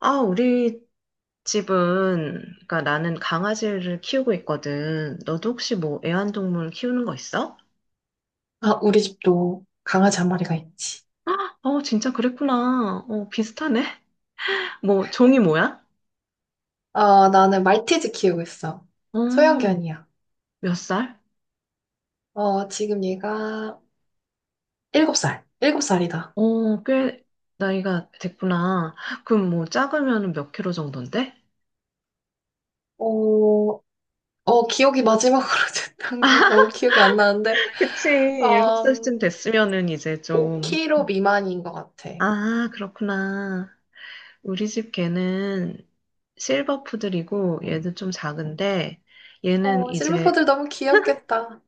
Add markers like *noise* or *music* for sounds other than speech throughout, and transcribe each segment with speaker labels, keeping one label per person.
Speaker 1: 아, 우리 집은, 그러니까 나는 강아지를 키우고 있거든. 너도 혹시 뭐 애완동물 키우는 거 있어?
Speaker 2: 아, 우리 집도 강아지 한 마리가 있지.
Speaker 1: 어, 진짜 그랬구나. 어, 비슷하네. *laughs* 뭐, 종이 뭐야?
Speaker 2: 나는 말티즈 키우고 있어.
Speaker 1: 어,
Speaker 2: 소형견이야.
Speaker 1: 몇 살?
Speaker 2: 지금 얘가 일곱 살이다.
Speaker 1: 어, 꽤 나이가 됐구나. 그럼 뭐, 작으면 몇 킬로 정도인데?
Speaker 2: 어, 기억이 마지막으로 *laughs* 됐던 게 너무 기억이 안 나는데,
Speaker 1: *laughs* 그치, 일곱 살쯤
Speaker 2: 음,
Speaker 1: 됐으면은 이제
Speaker 2: 5
Speaker 1: 좀.
Speaker 2: k 로 미만인 것 같아.
Speaker 1: 아, 그렇구나. 우리 집 개는 실버푸들이고, 얘도 좀 작은데, 얘는 이제
Speaker 2: 실버포들 너무 귀엽겠다.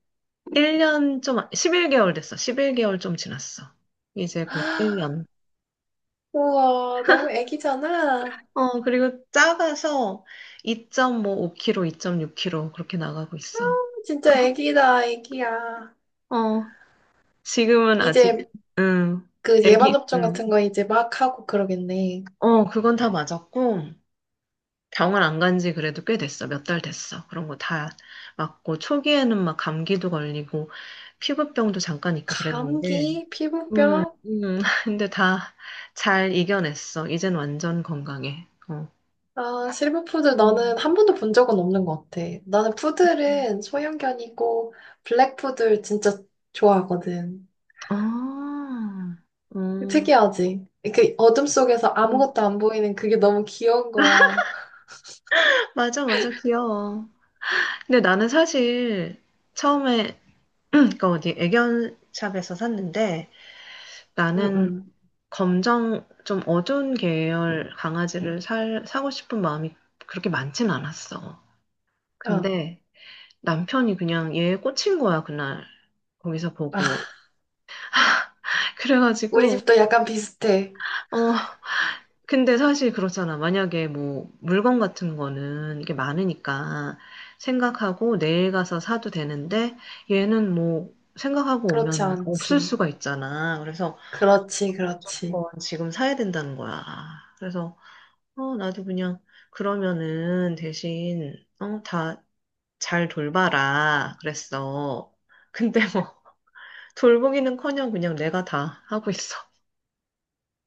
Speaker 1: 1년 좀, 11개월 됐어. 11개월 좀 지났어. 이제 곧 1년.
Speaker 2: *gasps* 우와, 너무 애기잖아.
Speaker 1: 어, 그리고 작아서 2.5kg, 2.6kg 그렇게 나가고 있어.
Speaker 2: 진짜
Speaker 1: *laughs*
Speaker 2: 애기다, 애기야.
Speaker 1: 어, 지금은 아직,
Speaker 2: 이제
Speaker 1: 응,
Speaker 2: 그 예방
Speaker 1: 애기,
Speaker 2: 접종
Speaker 1: 응.
Speaker 2: 같은 거 이제 막 하고 그러겠네.
Speaker 1: 어, 그건 다 맞았고, 병원 안 간지 그래도 꽤 됐어. 몇 달 됐어. 그런 거 다 맞고, 초기에는 막 감기도 걸리고, 피부병도 잠깐 있고 그랬는데,
Speaker 2: 감기, 피부병?
Speaker 1: 음. *laughs* 근데 다 잘 이겨냈어. 이젠 완전 건강해. 어.
Speaker 2: 아, 실버푸드 나는
Speaker 1: 음.
Speaker 2: 한 번도 본 적은 없는 것 같아. 나는
Speaker 1: 음.
Speaker 2: 푸들은 소형견이고 블랙푸들 진짜 좋아하거든.
Speaker 1: 아, 음,
Speaker 2: 특이하지? 그 어둠 속에서
Speaker 1: 음.
Speaker 2: 아무것도 안 보이는 그게 너무 귀여운 거야.
Speaker 1: 맞아, 맞아, 귀여워. 근데 나는 사실 처음에, *clears throat* 그 어디 애견샵에서 샀는데
Speaker 2: 응응.
Speaker 1: 나는 검정, 좀 어두운 계열 강아지를 사고 싶은 마음이 그렇게 많진 않았어.
Speaker 2: 어.
Speaker 1: 근데 남편이 그냥 얘에 꽂힌 거야, 그날. 거기서 보고.
Speaker 2: 아,
Speaker 1: *laughs*
Speaker 2: 우리
Speaker 1: 그래가지고,
Speaker 2: 집도 약간 비슷해.
Speaker 1: 어, 근데 사실 그렇잖아. 만약에 뭐 물건 같은 거는 이게 많으니까 생각하고 내일 가서 사도 되는데 얘는 뭐 생각하고
Speaker 2: 그렇지
Speaker 1: 오면 없을
Speaker 2: 않지.
Speaker 1: 수가 있잖아. 그래서
Speaker 2: 그렇지, 그렇지.
Speaker 1: 무조건 지금 사야 된다는 거야. 그래서 어, 나도 그냥 그러면은 대신 어, 다 잘 돌봐라 그랬어. 근데 뭐 돌보기는커녕 그냥 내가 다 하고 있어.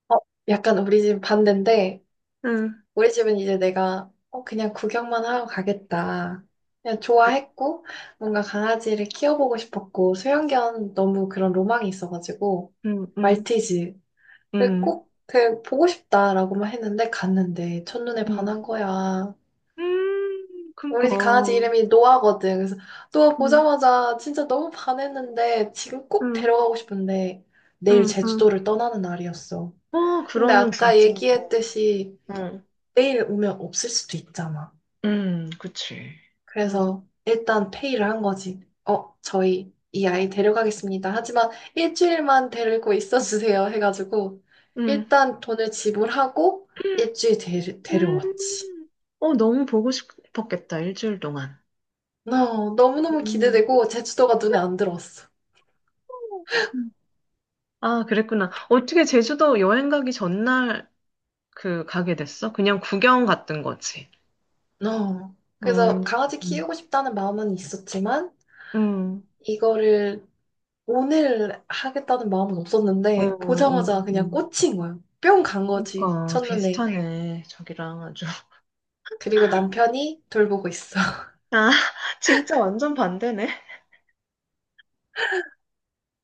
Speaker 2: 어, 약간 우리 집 반대인데
Speaker 1: 응,
Speaker 2: 우리 집은 이제 내가 그냥 구경만 하러 가겠다. 그냥 좋아했고, 뭔가 강아지를 키워보고 싶었고, 소형견 너무 그런 로망이 있어가지고,
Speaker 1: 응, 응,
Speaker 2: 말티즈를
Speaker 1: 응,
Speaker 2: 꼭 그, 보고 싶다라고만 했는데, 갔는데, 첫눈에
Speaker 1: 응.
Speaker 2: 반한 거야.
Speaker 1: 그니까.
Speaker 2: 우리 집 강아지 이름이 노아거든. 그래서 노아
Speaker 1: 응,
Speaker 2: 보자마자 진짜 너무 반했는데, 지금 꼭
Speaker 1: 응,
Speaker 2: 데려가고 싶은데, 내일
Speaker 1: 응, 응.
Speaker 2: 제주도를 떠나는 날이었어.
Speaker 1: 어,
Speaker 2: 근데
Speaker 1: 그러면
Speaker 2: 아까
Speaker 1: 진짜. 어,
Speaker 2: 얘기했듯이,
Speaker 1: 응,
Speaker 2: 내일 오면 없을 수도 있잖아.
Speaker 1: 응, 그치. 응,
Speaker 2: 그래서 일단 페이를 한 거지. 저희 이 아이 데려가겠습니다. 하지만 일주일만 데리고 있어 주세요. 해가지고
Speaker 1: 응,
Speaker 2: 일단 돈을 지불하고 일주일 데려왔지.
Speaker 1: 음. 어, 너무 보고 싶었겠다, 일주일 동안.
Speaker 2: 너무너무
Speaker 1: 음.
Speaker 2: 기대되고 제주도가 눈에 안 들어왔어.
Speaker 1: 아, 그랬구나. 어떻게 제주도 여행 가기 전날 그 가게 됐어? 그냥 구경 갔던 거지.
Speaker 2: 어. 그래서
Speaker 1: 음,
Speaker 2: 강아지
Speaker 1: 음,
Speaker 2: 키우고 싶다는 마음은 있었지만
Speaker 1: 음,
Speaker 2: 이거를 오늘 하겠다는 마음은
Speaker 1: 어,
Speaker 2: 없었는데
Speaker 1: 어,
Speaker 2: 보자마자 그냥 꽂힌 거예요. 뿅 간 거지.
Speaker 1: 그러니까
Speaker 2: 첫눈에.
Speaker 1: 비슷하네, 저기랑 아주. *laughs*
Speaker 2: 그리고 남편이 돌보고 있어.
Speaker 1: 아, 진짜 완전 반대네.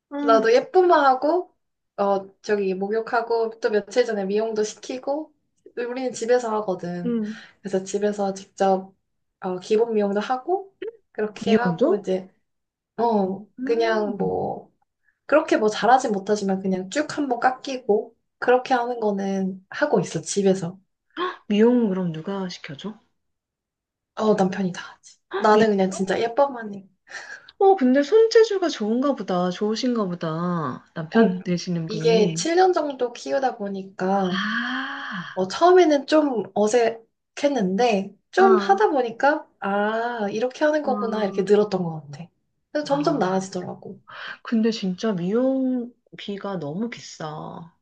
Speaker 1: 아,
Speaker 2: 나도 예쁘만 하고, 저기 목욕하고, 또 며칠 전에 미용도 시키고, 우리는 집에서 하거든.
Speaker 1: 응.
Speaker 2: 그래서 집에서 직접, 기본 미용도 하고, 그렇게 하고,
Speaker 1: 미용도?
Speaker 2: 이제, 그냥
Speaker 1: 음.
Speaker 2: 뭐, 그렇게 뭐 잘하진 못하지만 그냥 쭉 한번 깎이고, 그렇게 하는 거는 하고 있어, 집에서.
Speaker 1: 미용 그럼 누가 시켜줘?
Speaker 2: 남편이 다 하지.
Speaker 1: 미용.
Speaker 2: 나는 그냥 진짜 예뻐만 해.
Speaker 1: 어, 근데 손재주가 좋은가 보다. 좋으신가 보다.
Speaker 2: 어,
Speaker 1: 남편 되시는
Speaker 2: 이게
Speaker 1: 분이.
Speaker 2: 7년 정도 키우다 보니까,
Speaker 1: 아,
Speaker 2: 처음에는 좀 어색했는데, 좀
Speaker 1: 아,
Speaker 2: 하다 보니까, 아, 이렇게 하는 거구나, 이렇게
Speaker 1: 음.
Speaker 2: 늘었던 것 같아. 그래서 점점
Speaker 1: 아.
Speaker 2: 나아지더라고.
Speaker 1: 근데 진짜 미용비가 너무 비싸.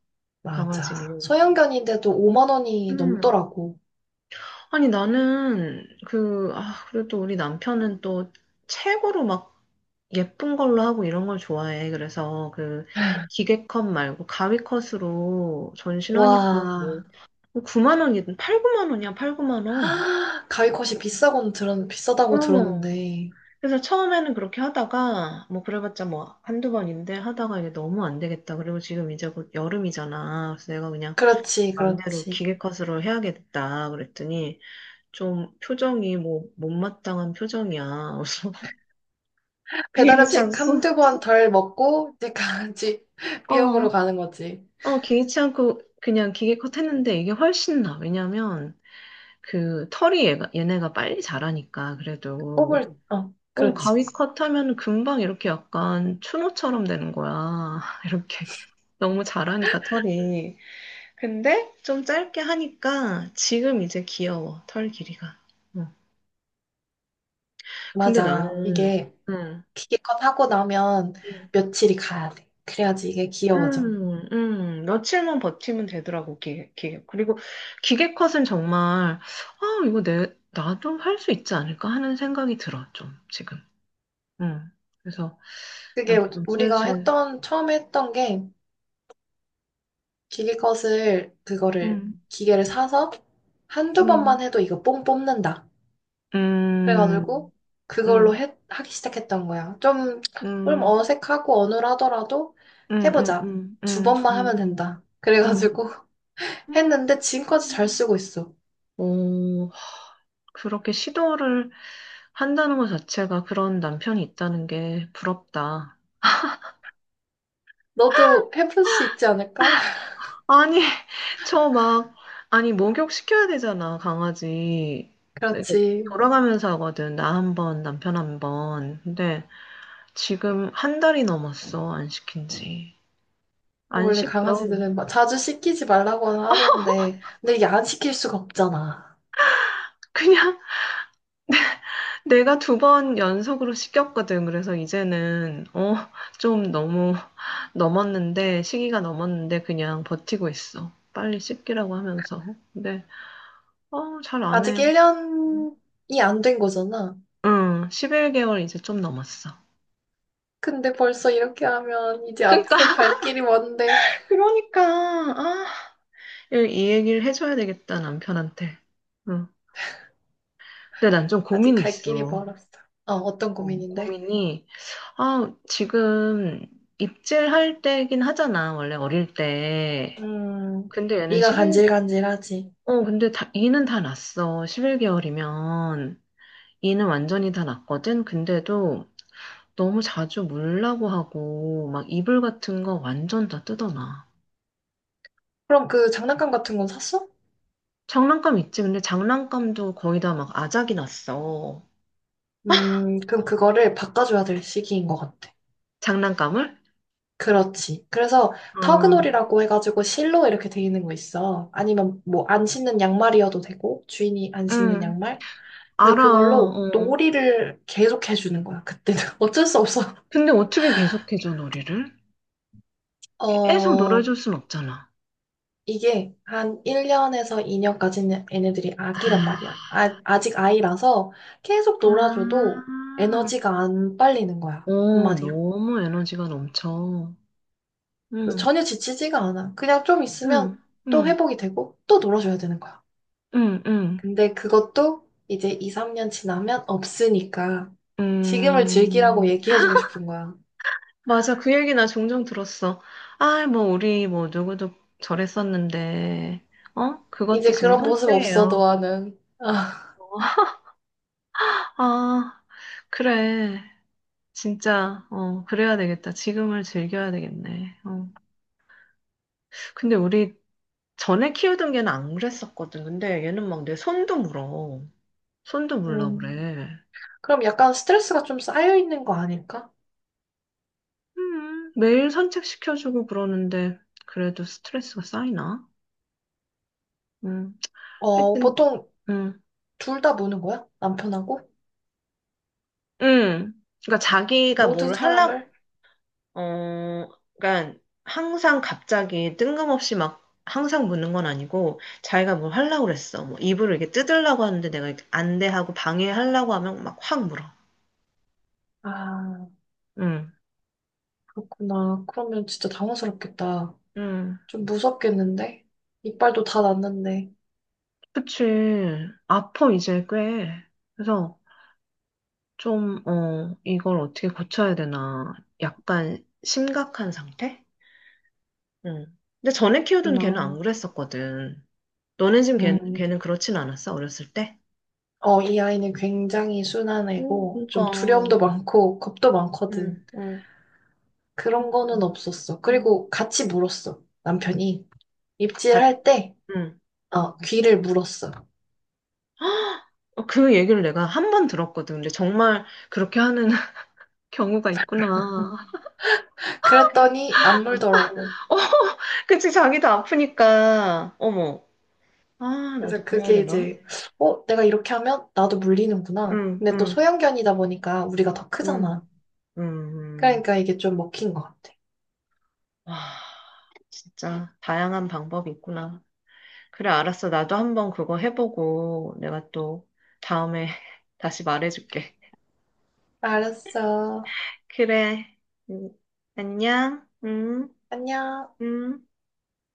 Speaker 1: 강아지 맞아.
Speaker 2: 맞아.
Speaker 1: 미용.
Speaker 2: 소형견인데도 5만 원이
Speaker 1: 음.
Speaker 2: 넘더라고.
Speaker 1: 아니, 나는 그, 아, 그래도 우리 남편은 또 책으로 막 예쁜 걸로 하고 이런 걸 좋아해. 그래서 그 기계컷 말고 가위컷으로 전신하니까 뭐
Speaker 2: 와,
Speaker 1: 9만 원이든 8, 9만 원이야, 8, 9만 원.
Speaker 2: 하, 가위컷이 비싸다고
Speaker 1: 어.
Speaker 2: 들었는데.
Speaker 1: 그래서 처음에는 그렇게 하다가 뭐 그래봤자 뭐 한두 번인데 하다가 이게 너무 안 되겠다. 그리고 지금 이제 곧 여름이잖아. 그래서 내가 그냥
Speaker 2: 그렇지,
Speaker 1: 맘대로
Speaker 2: 그렇지.
Speaker 1: 기계컷으로 해야겠다. 그랬더니 좀 표정이 뭐 못마땅한 표정이야. 그래서 *laughs*
Speaker 2: 배달 음식
Speaker 1: 괜찮소.
Speaker 2: 한두 번 덜 먹고, 이제 강아지 *laughs*
Speaker 1: 어.
Speaker 2: 비용으로 가는 거지.
Speaker 1: 어, 개의치 않고 그냥 기계 컷 했는데 이게 훨씬 나. 왜냐면 그 털이 얘가, 얘네가 빨리 자라니까 그래도 어,
Speaker 2: 그렇지.
Speaker 1: 가위 컷 하면 금방 이렇게 약간 추노처럼 되는 거야. *laughs* 이렇게 너무 자라니까 털이. 근데 좀 짧게 하니까 지금 이제 귀여워. 털 길이가. 어. 근데 아,
Speaker 2: 맞아.
Speaker 1: 나는
Speaker 2: 이게
Speaker 1: 응.
Speaker 2: 기계컷 하고 나면
Speaker 1: 응.
Speaker 2: 며칠이 가야 돼. 그래야지 이게 귀여워져.
Speaker 1: 며칠만 버티면 되더라고, 기계. 그리고 기계 컷은 정말, 아, 이거 나도 할 수 있지 않을까 하는 생각이 들어, 좀, 지금. 음, 그래서,
Speaker 2: 그게
Speaker 1: 나도 좀
Speaker 2: 우리가
Speaker 1: 슬슬,
Speaker 2: 했던, 처음에 했던 게 기계컷을, 그거를,
Speaker 1: 음,
Speaker 2: 기계를 사서 한두 번만
Speaker 1: 음,
Speaker 2: 해도 이거 뽕 뽑는다.
Speaker 1: 음,
Speaker 2: 그래가지고 그걸로
Speaker 1: 음,
Speaker 2: 해, 하기 시작했던 거야. 좀,
Speaker 1: 음,
Speaker 2: 좀
Speaker 1: 음,
Speaker 2: 어색하고 어눌하더라도
Speaker 1: 음, 음,
Speaker 2: 해보자.
Speaker 1: 음,
Speaker 2: 두 번만 하면
Speaker 1: 음,
Speaker 2: 된다.
Speaker 1: 음.
Speaker 2: 그래가지고 *laughs*
Speaker 1: 음.
Speaker 2: 했는데 지금까지 잘 쓰고 있어.
Speaker 1: 오, 그렇게 시도를 한다는 것 자체가 그런 남편이 있다는 게 부럽다.
Speaker 2: 너도 해볼 수 있지 않을까? *laughs*
Speaker 1: 아니, *laughs* 저 막, 아니, 목욕시켜야 되잖아, 강아지. 이렇게
Speaker 2: 그렇지.
Speaker 1: 돌아가면서 하거든, 나 한 번, 남편 한 번. 근데 지금 한 달이 넘었어, 안 시킨 지.
Speaker 2: 아,
Speaker 1: 안
Speaker 2: 원래
Speaker 1: 시켜.
Speaker 2: 강아지들은 막 자주 시키지 말라고는 하던데, 근데 이게 안 시킬 수가 없잖아.
Speaker 1: 그냥 *laughs* 내가 두 번 연속으로 시켰거든. 그래서 이제는, 어, 좀 너무 *laughs* 넘었는데, 시기가 넘었는데, 그냥 버티고 있어. 빨리 씻기라고 하면서. 근데, 어, 잘 안
Speaker 2: 아직
Speaker 1: 해.
Speaker 2: 1년이 안 된 거잖아.
Speaker 1: 응, 11개월 이제 좀 넘었어.
Speaker 2: 근데 벌써 이렇게 하면 이제
Speaker 1: 그러니까
Speaker 2: 앞으로 갈 길이 먼데,
Speaker 1: 그러니까, 아, 이, 이 얘기를 해줘야 되겠다, 남편한테. 응. 근데 난 좀
Speaker 2: 아직
Speaker 1: 고민이
Speaker 2: 갈 길이
Speaker 1: 있어.
Speaker 2: 멀었어. 어떤
Speaker 1: 어,
Speaker 2: 고민인데?
Speaker 1: 고민이, 아, 지금 입질할 때긴 하잖아, 원래 어릴 때.
Speaker 2: 음,
Speaker 1: 근데 얘는
Speaker 2: 이가
Speaker 1: 11,
Speaker 2: 간질간질하지.
Speaker 1: 어, 근데 다, 이는 다 났어. 11개월이면. 이는 완전히 다 났거든? 근데도 너무 자주 물라고 하고, 막 이불 같은 거 완전 다 뜯어놔.
Speaker 2: 그럼 그 장난감 같은 건 샀어?
Speaker 1: 장난감 있지? 근데 장난감도 거의 다 막 아작이 났어.
Speaker 2: 그럼 그거를 바꿔줘야 될 시기인 것 같아.
Speaker 1: 장난감을?
Speaker 2: 그렇지. 그래서
Speaker 1: 어,
Speaker 2: 터그놀이라고 해가지고 실로 이렇게 돼 있는 거 있어. 아니면 뭐 안 신는 양말이어도 되고 주인이 안 신는
Speaker 1: 응,
Speaker 2: 양말. 그래서
Speaker 1: 알아.
Speaker 2: 그걸로
Speaker 1: 어.
Speaker 2: 놀이를 계속 해주는 거야. 그때는 *laughs* 어쩔 수 없어.
Speaker 1: 근데 어떻게 계속해줘, 놀이를? 계속
Speaker 2: 어,
Speaker 1: 놀아줄 순 없잖아.
Speaker 2: 이게 한 1년에서 2년까지는 얘네들이 아기란 말이야.
Speaker 1: 아,
Speaker 2: 아, 아직 아이라서 계속 놀아줘도
Speaker 1: 아.
Speaker 2: 에너지가 안 빨리는 거야.
Speaker 1: 어,
Speaker 2: 한마디로.
Speaker 1: 너무 에너지가 넘쳐.
Speaker 2: 그래서
Speaker 1: 응,
Speaker 2: 전혀 지치지가 않아. 그냥 좀 있으면
Speaker 1: 응,
Speaker 2: 또
Speaker 1: 응,
Speaker 2: 회복이 되고 또 놀아줘야 되는 거야.
Speaker 1: 응, 응.
Speaker 2: 근데 그것도 이제 2, 3년 지나면 없으니까 지금을 즐기라고
Speaker 1: 음,
Speaker 2: 얘기해주고 싶은 거야.
Speaker 1: 맞아. 그 얘기 나 종종 들었어. 아, 뭐, 우리, 뭐, 누구도 저랬었는데, 어? 그것도
Speaker 2: 이제
Speaker 1: 지금
Speaker 2: 그런 모습 없어,
Speaker 1: 한때예요.
Speaker 2: 너와는. 아,
Speaker 1: 아, 그래. 진짜, 어, 그래야 되겠다. 지금을 즐겨야 되겠네. 어. 근데 우리 전에 키우던 개는 안 그랬었거든. 근데 얘는 막 내 손도 물어. 손도 물러
Speaker 2: 음.
Speaker 1: 그래.
Speaker 2: 그럼 약간 스트레스가 좀 쌓여있는 거 아닐까?
Speaker 1: 매일 산책시켜주고 그러는데, 그래도 스트레스가 쌓이나? 음, 하여튼,
Speaker 2: 보통
Speaker 1: 음,
Speaker 2: 둘 다 무는 거야? 남편하고?
Speaker 1: 음. 그러니까 자기가
Speaker 2: 모든
Speaker 1: 뭘 하려,
Speaker 2: 사람을?
Speaker 1: 어, 그러니까 항상 갑자기 뜬금없이 막 항상 묻는 건 아니고 자기가 뭘 하려고 그랬어. 뭐 이불을 이렇게 뜯으려고 하는데 내가 이렇게 안돼 하고 방해하려고 하면 막 확 물어.
Speaker 2: 아,
Speaker 1: 응,
Speaker 2: 그렇구나. 그러면 진짜 당황스럽겠다.
Speaker 1: 응.
Speaker 2: 좀 무섭겠는데? 이빨도 다 났는데.
Speaker 1: 그치. 아파, 이제 꽤. 그래서 좀, 어, 이걸 어떻게 고쳐야 되나. 약간 심각한 상태? 응. 근데 전에 키우던 걔는
Speaker 2: 그렇구나.
Speaker 1: 안 그랬었거든. 너네 집 걔,
Speaker 2: 음.
Speaker 1: 걔는 그렇진 않았어, 어렸을 때?
Speaker 2: 이 아이는 굉장히 순한
Speaker 1: 응,
Speaker 2: 애고, 좀
Speaker 1: 그러니까.
Speaker 2: 두려움도 많고, 겁도
Speaker 1: 응,
Speaker 2: 많거든.
Speaker 1: 응.
Speaker 2: 그런 거는
Speaker 1: 뭐,
Speaker 2: 없었어.
Speaker 1: 음.
Speaker 2: 그리고 같이 물었어. 남편이
Speaker 1: 같-
Speaker 2: 입질할 때
Speaker 1: 음.
Speaker 2: 귀를 물었어.
Speaker 1: 어, 그 얘기를 내가 한 번 들었거든. 근데 정말 그렇게 하는 *laughs* 경우가 있구나.
Speaker 2: 그랬더니 안
Speaker 1: 아
Speaker 2: 물더라고.
Speaker 1: 어, 그치, 자기도 아프니까. 어머. 아, 나도
Speaker 2: 그래서
Speaker 1: 그래야
Speaker 2: 그게
Speaker 1: 되나?
Speaker 2: 이제 내가 이렇게 하면 나도 물리는구나.
Speaker 1: 응,
Speaker 2: 근데 또
Speaker 1: 응,
Speaker 2: 소형견이다 보니까 우리가 더
Speaker 1: 응,
Speaker 2: 크잖아.
Speaker 1: 응. 응.
Speaker 2: 그러니까 이게 좀 먹힌 것 같아.
Speaker 1: 아, 진짜 다양한 방법이 있구나. 그래, 알았어. 나도 한 번 그거 해보고 내가 또 다음에 *laughs* 다시 말해줄게.
Speaker 2: 알았어.
Speaker 1: 그래. 음, 안녕. 응,
Speaker 2: 안녕.
Speaker 1: 응.